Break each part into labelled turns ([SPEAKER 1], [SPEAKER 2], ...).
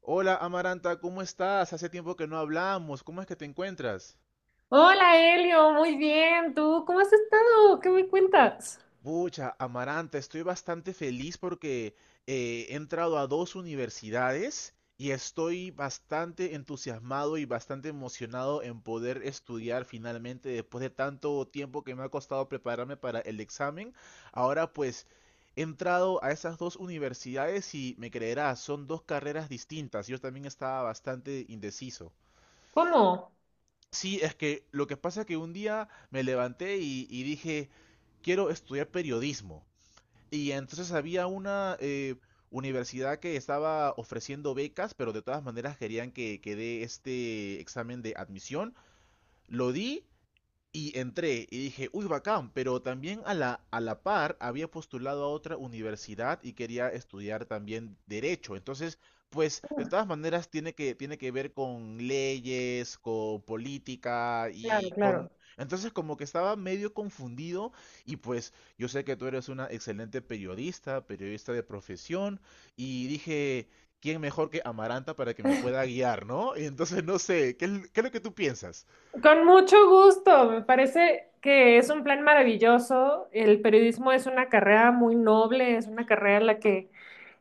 [SPEAKER 1] Hola, Amaranta, ¿cómo estás? Hace tiempo que no hablamos, ¿cómo es que te encuentras?
[SPEAKER 2] Hola Elio, muy bien. ¿Tú cómo has estado? ¿Qué me cuentas?
[SPEAKER 1] Pucha, Amaranta, estoy bastante feliz porque he entrado a dos universidades y estoy bastante entusiasmado y bastante emocionado en poder estudiar finalmente después de tanto tiempo que me ha costado prepararme para el examen. Ahora pues he entrado a esas dos universidades y, me creerás, son dos carreras distintas. Yo también estaba bastante indeciso.
[SPEAKER 2] ¿Cómo?
[SPEAKER 1] Sí, es que lo que pasa es que un día me levanté y dije, quiero estudiar periodismo. Y entonces había una universidad que estaba ofreciendo becas, pero de todas maneras querían que dé este examen de admisión. Lo di y entré y dije, uy, bacán, pero también a a la par había postulado a otra universidad y quería estudiar también derecho. Entonces, pues, de todas maneras tiene tiene que ver con leyes, con política
[SPEAKER 2] Claro,
[SPEAKER 1] y con...
[SPEAKER 2] claro.
[SPEAKER 1] Entonces, como que estaba medio confundido y pues yo sé que tú eres una excelente periodista, periodista de profesión, y dije, ¿quién mejor que Amaranta para que me pueda guiar, ¿no? Y entonces, no sé, ¿qué es lo que tú piensas?
[SPEAKER 2] Con mucho gusto. Me parece que es un plan maravilloso. El periodismo es una carrera muy noble, es una carrera en la que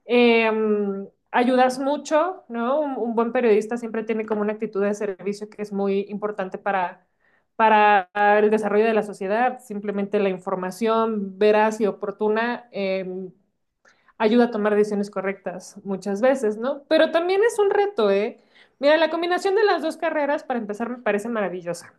[SPEAKER 2] ayudas mucho, ¿no? Un buen periodista siempre tiene como una actitud de servicio que es muy importante para el desarrollo de la sociedad. Simplemente la información veraz y oportuna. Ayuda a tomar decisiones correctas muchas veces, ¿no? Pero también es un reto, ¿eh? Mira, la combinación de las dos carreras, para empezar, me parece maravillosa.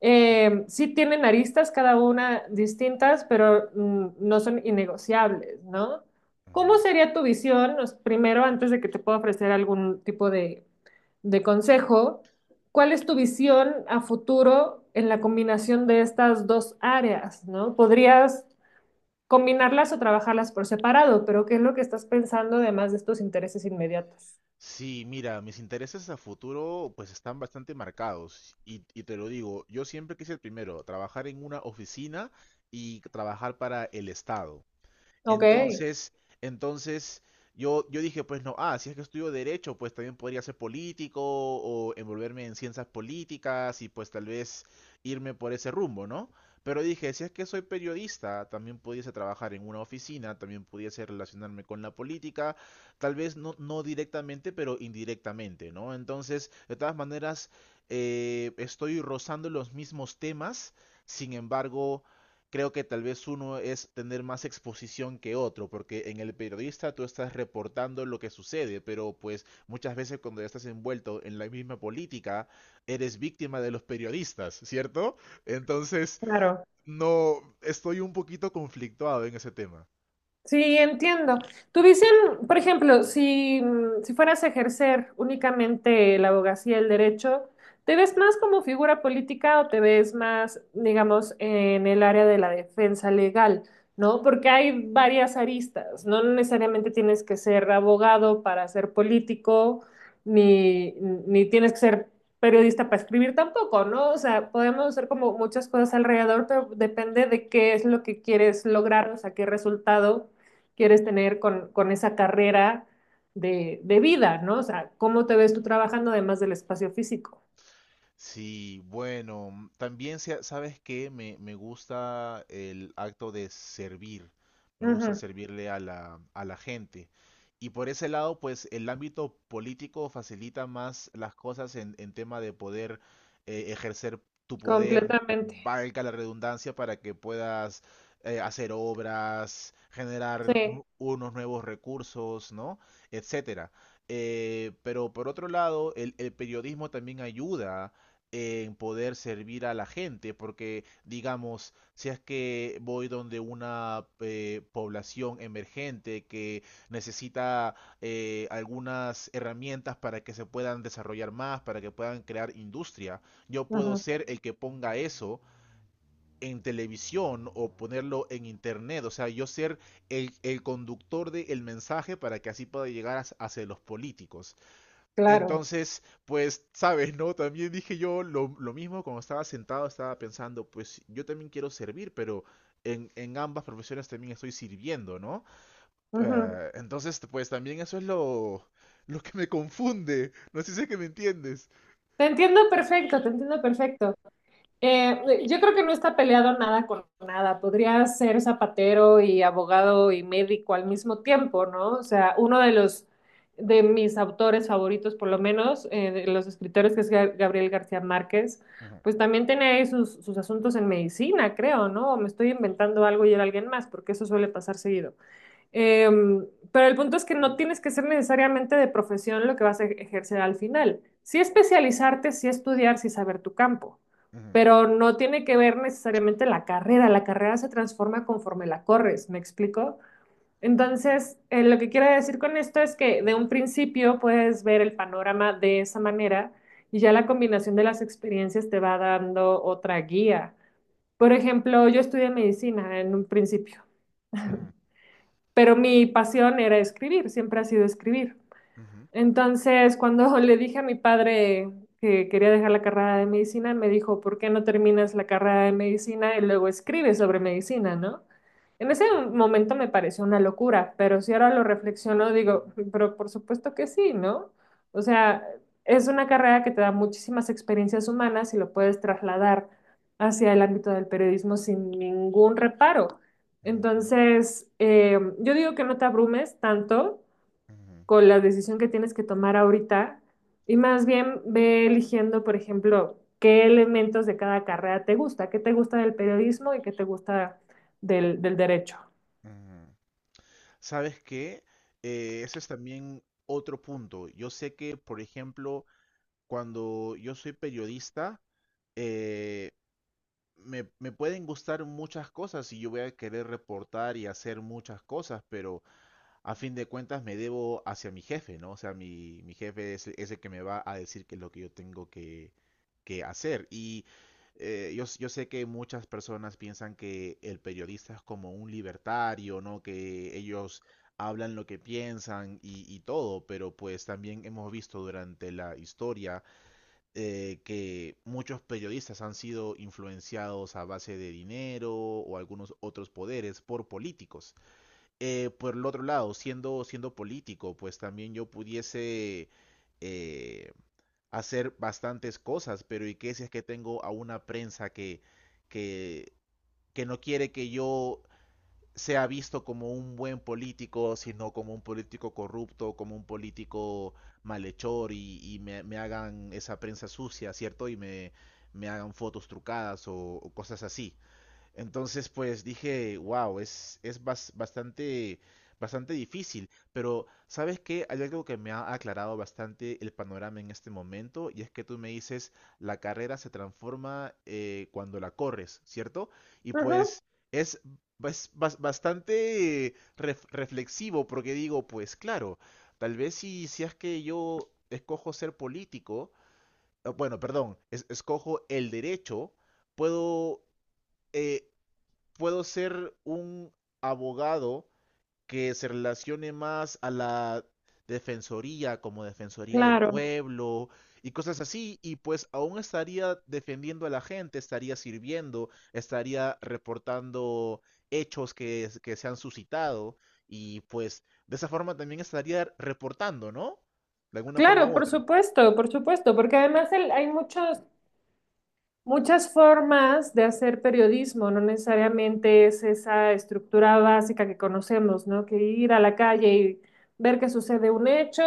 [SPEAKER 2] Sí tienen aristas cada una distintas, pero no son innegociables, ¿no?
[SPEAKER 1] Ujú.
[SPEAKER 2] ¿Cómo sería tu visión? Pues, primero, antes de que te pueda ofrecer algún tipo de consejo, ¿cuál es tu visión a futuro en la combinación de estas dos áreas? ¿No? ¿Podrías combinarlas o trabajarlas por separado? Pero ¿qué es lo que estás pensando además de estos intereses inmediatos?
[SPEAKER 1] Sí, mira, mis intereses a futuro pues están bastante marcados y te lo digo, yo siempre quise primero trabajar en una oficina y trabajar para el Estado.
[SPEAKER 2] Ok,
[SPEAKER 1] Entonces, entonces, yo dije, pues no, ah, si es que estudio derecho, pues también podría ser político o envolverme en ciencias políticas y pues tal vez irme por ese rumbo, ¿no? Pero dije, si es que soy periodista, también pudiese trabajar en una oficina, también pudiese relacionarme con la política, tal vez no directamente, pero indirectamente, ¿no? Entonces, de todas maneras, estoy rozando los mismos temas, sin embargo, creo que tal vez uno es tener más exposición que otro, porque en el periodista tú estás reportando lo que sucede, pero pues muchas veces cuando ya estás envuelto en la misma política, eres víctima de los periodistas, ¿cierto? Entonces,
[SPEAKER 2] claro.
[SPEAKER 1] no, estoy un poquito conflictuado en ese tema.
[SPEAKER 2] Sí, entiendo. Tuviesen, por ejemplo, si, si fueras a ejercer únicamente la abogacía, el derecho, ¿te ves más como figura política o te ves más, digamos, en el área de la defensa legal? ¿No? Porque hay varias aristas, no necesariamente tienes que ser abogado para ser político, ni, ni tienes que ser periodista para escribir tampoco, ¿no? O sea, podemos hacer como muchas cosas alrededor, pero depende de qué es lo que quieres lograr, o sea, qué resultado quieres tener con esa carrera de, vida, ¿no? O sea, ¿cómo te ves tú trabajando además del espacio físico?
[SPEAKER 1] Sí, bueno, mm, también sabes que me gusta el acto de servir, me gusta
[SPEAKER 2] Ujú,
[SPEAKER 1] servirle a a la gente. Y por ese lado, pues el ámbito político facilita más las cosas en tema de poder ejercer tu poder,
[SPEAKER 2] completamente.
[SPEAKER 1] valga la redundancia, para que puedas hacer obras, generar
[SPEAKER 2] Sí,
[SPEAKER 1] unos nuevos recursos, ¿no? Etcétera. Pero por otro lado, el periodismo también ayuda en poder servir a la gente, porque digamos, si es que voy donde una población emergente que necesita algunas herramientas para que se puedan desarrollar más, para que puedan crear industria, yo puedo
[SPEAKER 2] ujú,
[SPEAKER 1] ser el que ponga eso en televisión o ponerlo en internet, o sea, yo ser el conductor del mensaje para que así pueda llegar hacia los políticos.
[SPEAKER 2] claro.
[SPEAKER 1] Entonces, pues, sabes, ¿no? También dije yo lo mismo cuando estaba sentado, estaba pensando, pues yo también quiero servir, pero en ambas profesiones también estoy sirviendo, ¿no?
[SPEAKER 2] Ujú.
[SPEAKER 1] Entonces, pues también eso es lo que me confunde. No sé si es que me entiendes.
[SPEAKER 2] Te entiendo perfecto, te entiendo perfecto. Yo creo que no está peleado nada con nada. Podría ser zapatero y abogado y médico al mismo tiempo, ¿no? O sea, uno de los de mis autores favoritos, por lo menos, de los escritores, que es Gabriel García Márquez,
[SPEAKER 1] Ujú,
[SPEAKER 2] pues también tiene ahí sus, sus asuntos en medicina, creo, ¿no? O me estoy inventando algo y era alguien más, porque eso suele pasar seguido. Eh, pero el punto es que no tienes que ser necesariamente de profesión lo que vas a ejercer al final. Sí especializarte, sí estudiar, sí saber tu campo,
[SPEAKER 1] ujú,
[SPEAKER 2] pero no tiene que ver necesariamente la carrera. La carrera se transforma conforme la corres, ¿me explico? Entonces, lo que quiero decir con esto es que de un principio puedes ver el panorama de esa manera y ya la combinación de las experiencias te va dando otra guía. Por ejemplo, yo estudié medicina en un principio.
[SPEAKER 1] ujú,
[SPEAKER 2] Pero mi pasión era escribir, siempre ha sido escribir.
[SPEAKER 1] ujú,
[SPEAKER 2] Entonces, cuando le dije a mi padre que quería dejar la carrera de medicina, me dijo, ¿por qué no terminas la carrera de medicina y luego escribes sobre medicina? ¿No? En ese momento me pareció una locura, pero si ahora lo reflexiono, digo, "Mm, pero por supuesto que sí, ¿no? O sea, es una carrera que te da muchísimas experiencias humanas y lo puedes trasladar hacia el ámbito del periodismo sin ningún reparo."
[SPEAKER 1] ujú,
[SPEAKER 2] Entonces, yo digo que no te abrumes tanto
[SPEAKER 1] ujú,
[SPEAKER 2] con la decisión que tienes que tomar ahorita y más bien ve eligiendo, por ejemplo, qué elementos de cada carrera te gusta, qué te gusta del periodismo y qué te gusta del, del derecho.
[SPEAKER 1] ujú. ¿Sabes qué? Ese es también otro punto. Yo sé que, por ejemplo, cuando yo soy periodista, eh, me pueden gustar muchas cosas y yo voy a querer reportar y hacer muchas cosas, pero a fin de cuentas me debo hacia mi jefe, ¿no? O sea, mi jefe es, es el que me va a decir qué es lo que yo tengo que hacer. Y yo sé que muchas personas piensan que el periodista es como un libertario, ¿no? Que ellos hablan lo que piensan y todo, pero pues también hemos visto durante la historia que muchos periodistas han sido influenciados a base de dinero o algunos otros poderes por políticos. Por el otro lado, siendo político, pues también yo pudiese eh, hacer bastantes cosas, pero ¿y qué si es que tengo a una prensa que, que no quiere que yo sea visto como un buen político, sino como un político corrupto, como un político malhechor y me hagan esa prensa sucia, ¿cierto? Y me hagan fotos trucadas o cosas así. Entonces, pues dije, wow, es bastante, bastante difícil. Pero, ¿sabes qué? Hay algo que me ha aclarado bastante el panorama en este momento, y es que tú me dices, la carrera se transforma cuando la corres, ¿cierto? Y
[SPEAKER 2] Ujú,
[SPEAKER 1] pues es, bastante reflexivo, porque digo, pues claro, tal vez si es que yo escojo ser político, bueno, perdón, escojo el derecho, puedo eh, puedo ser un abogado que se relacione más a la defensoría, como defensoría del
[SPEAKER 2] claro,
[SPEAKER 1] pueblo y cosas así, y pues aún estaría defendiendo a la gente, estaría sirviendo, estaría reportando hechos que se han suscitado y pues de esa forma también estaría reportando, ¿no? De alguna forma
[SPEAKER 2] claro,
[SPEAKER 1] u otra.
[SPEAKER 2] por supuesto, porque además hay muchos muchas formas de hacer periodismo, no necesariamente es esa estructura básica que conocemos, ¿no? Que ir a la calle y ver que sucede un hecho,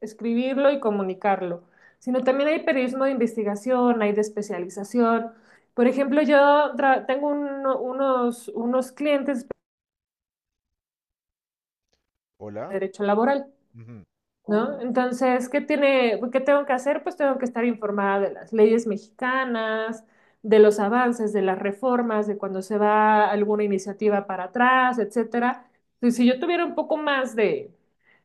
[SPEAKER 2] escribirlo y comunicarlo, sino también hay periodismo de investigación, hay de especialización. Por ejemplo, yo tengo unos, unos clientes de
[SPEAKER 1] Hola.
[SPEAKER 2] derecho laboral.
[SPEAKER 1] Ujú.
[SPEAKER 2] ¿No? Entonces, ¿qué tiene, qué tengo que hacer? Pues tengo que estar informada de las leyes mexicanas, de los avances, de las reformas, de cuando se va alguna iniciativa para atrás, etcétera. Entonces, si yo tuviera un poco más de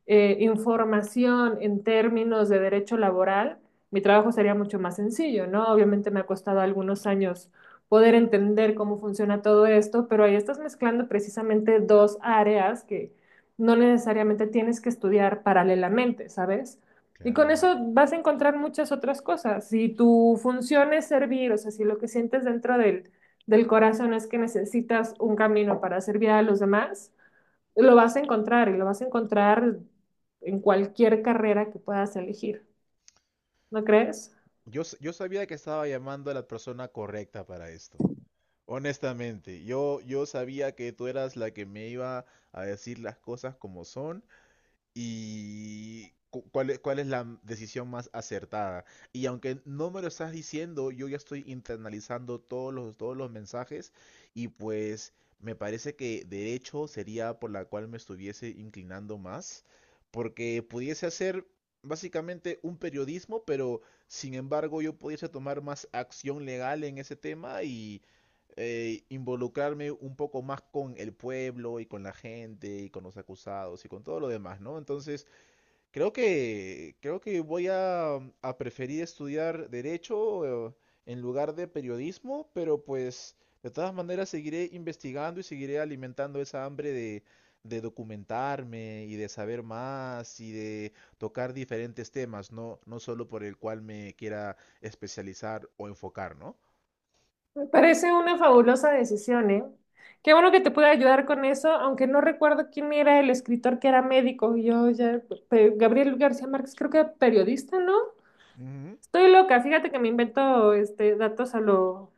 [SPEAKER 2] información en términos de derecho laboral, mi trabajo sería mucho más sencillo, ¿no? Obviamente me ha costado algunos años poder entender cómo funciona todo esto, pero ahí estás mezclando precisamente dos áreas que no necesariamente tienes que estudiar paralelamente, ¿sabes? Y con
[SPEAKER 1] Claro.
[SPEAKER 2] eso vas a encontrar muchas otras cosas. Si tu función es servir, o sea, si lo que sientes dentro del, del corazón es que necesitas un camino para servir a los demás, lo vas a encontrar y lo vas a encontrar en cualquier carrera que puedas elegir, ¿no crees?
[SPEAKER 1] Yo sabía que estaba llamando a la persona correcta para esto. Honestamente, yo sabía que tú eras la que me iba a decir las cosas como son y cuál es la decisión más acertada. Y aunque no me lo estás diciendo, yo ya estoy internalizando todos los mensajes y pues me parece que derecho sería por la cual me estuviese inclinando más, porque pudiese hacer básicamente un periodismo, pero sin embargo yo pudiese tomar más acción legal en ese tema y involucrarme un poco más con el pueblo y con la gente y con los acusados y con todo lo demás, ¿no? Entonces, creo que voy a, mm, a preferir estudiar derecho en lugar de periodismo, pero pues de todas maneras seguiré investigando y seguiré alimentando esa hambre de documentarme y de saber más y de tocar diferentes temas, no solo por el cual me quiera especializar o enfocar, ¿no?
[SPEAKER 2] Me parece una fabulosa decisión, ¿eh? Qué bueno que te pude ayudar con eso, aunque no recuerdo quién era el escritor que era médico. Yo ya, pe- Gabriel García Márquez, creo que era periodista, ¿no?
[SPEAKER 1] Ujú.
[SPEAKER 2] Estoy loca, fíjate que me invento este, datos a lo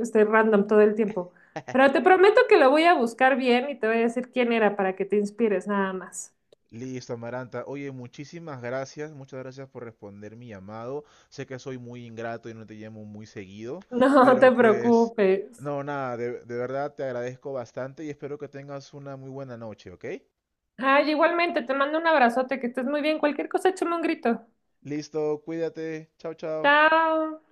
[SPEAKER 2] este, random todo el tiempo. Pero te prometo que lo voy a buscar bien y te voy a decir quién era para que te inspires, nada más.
[SPEAKER 1] Listo, Amaranta. Oye, muchísimas gracias, muchas gracias por responder mi llamado. Sé que soy muy ingrato y no te llamo muy seguido,
[SPEAKER 2] No
[SPEAKER 1] pero
[SPEAKER 2] te
[SPEAKER 1] pues,
[SPEAKER 2] preocupes.
[SPEAKER 1] no, nada, de verdad te agradezco bastante y espero que tengas una muy buena noche, ¿ok?
[SPEAKER 2] Ay, igualmente, te mando un abrazote, que estés muy bien. Cualquier cosa, échame un grito.
[SPEAKER 1] Listo, cuídate. Chao, chao.
[SPEAKER 2] Chao.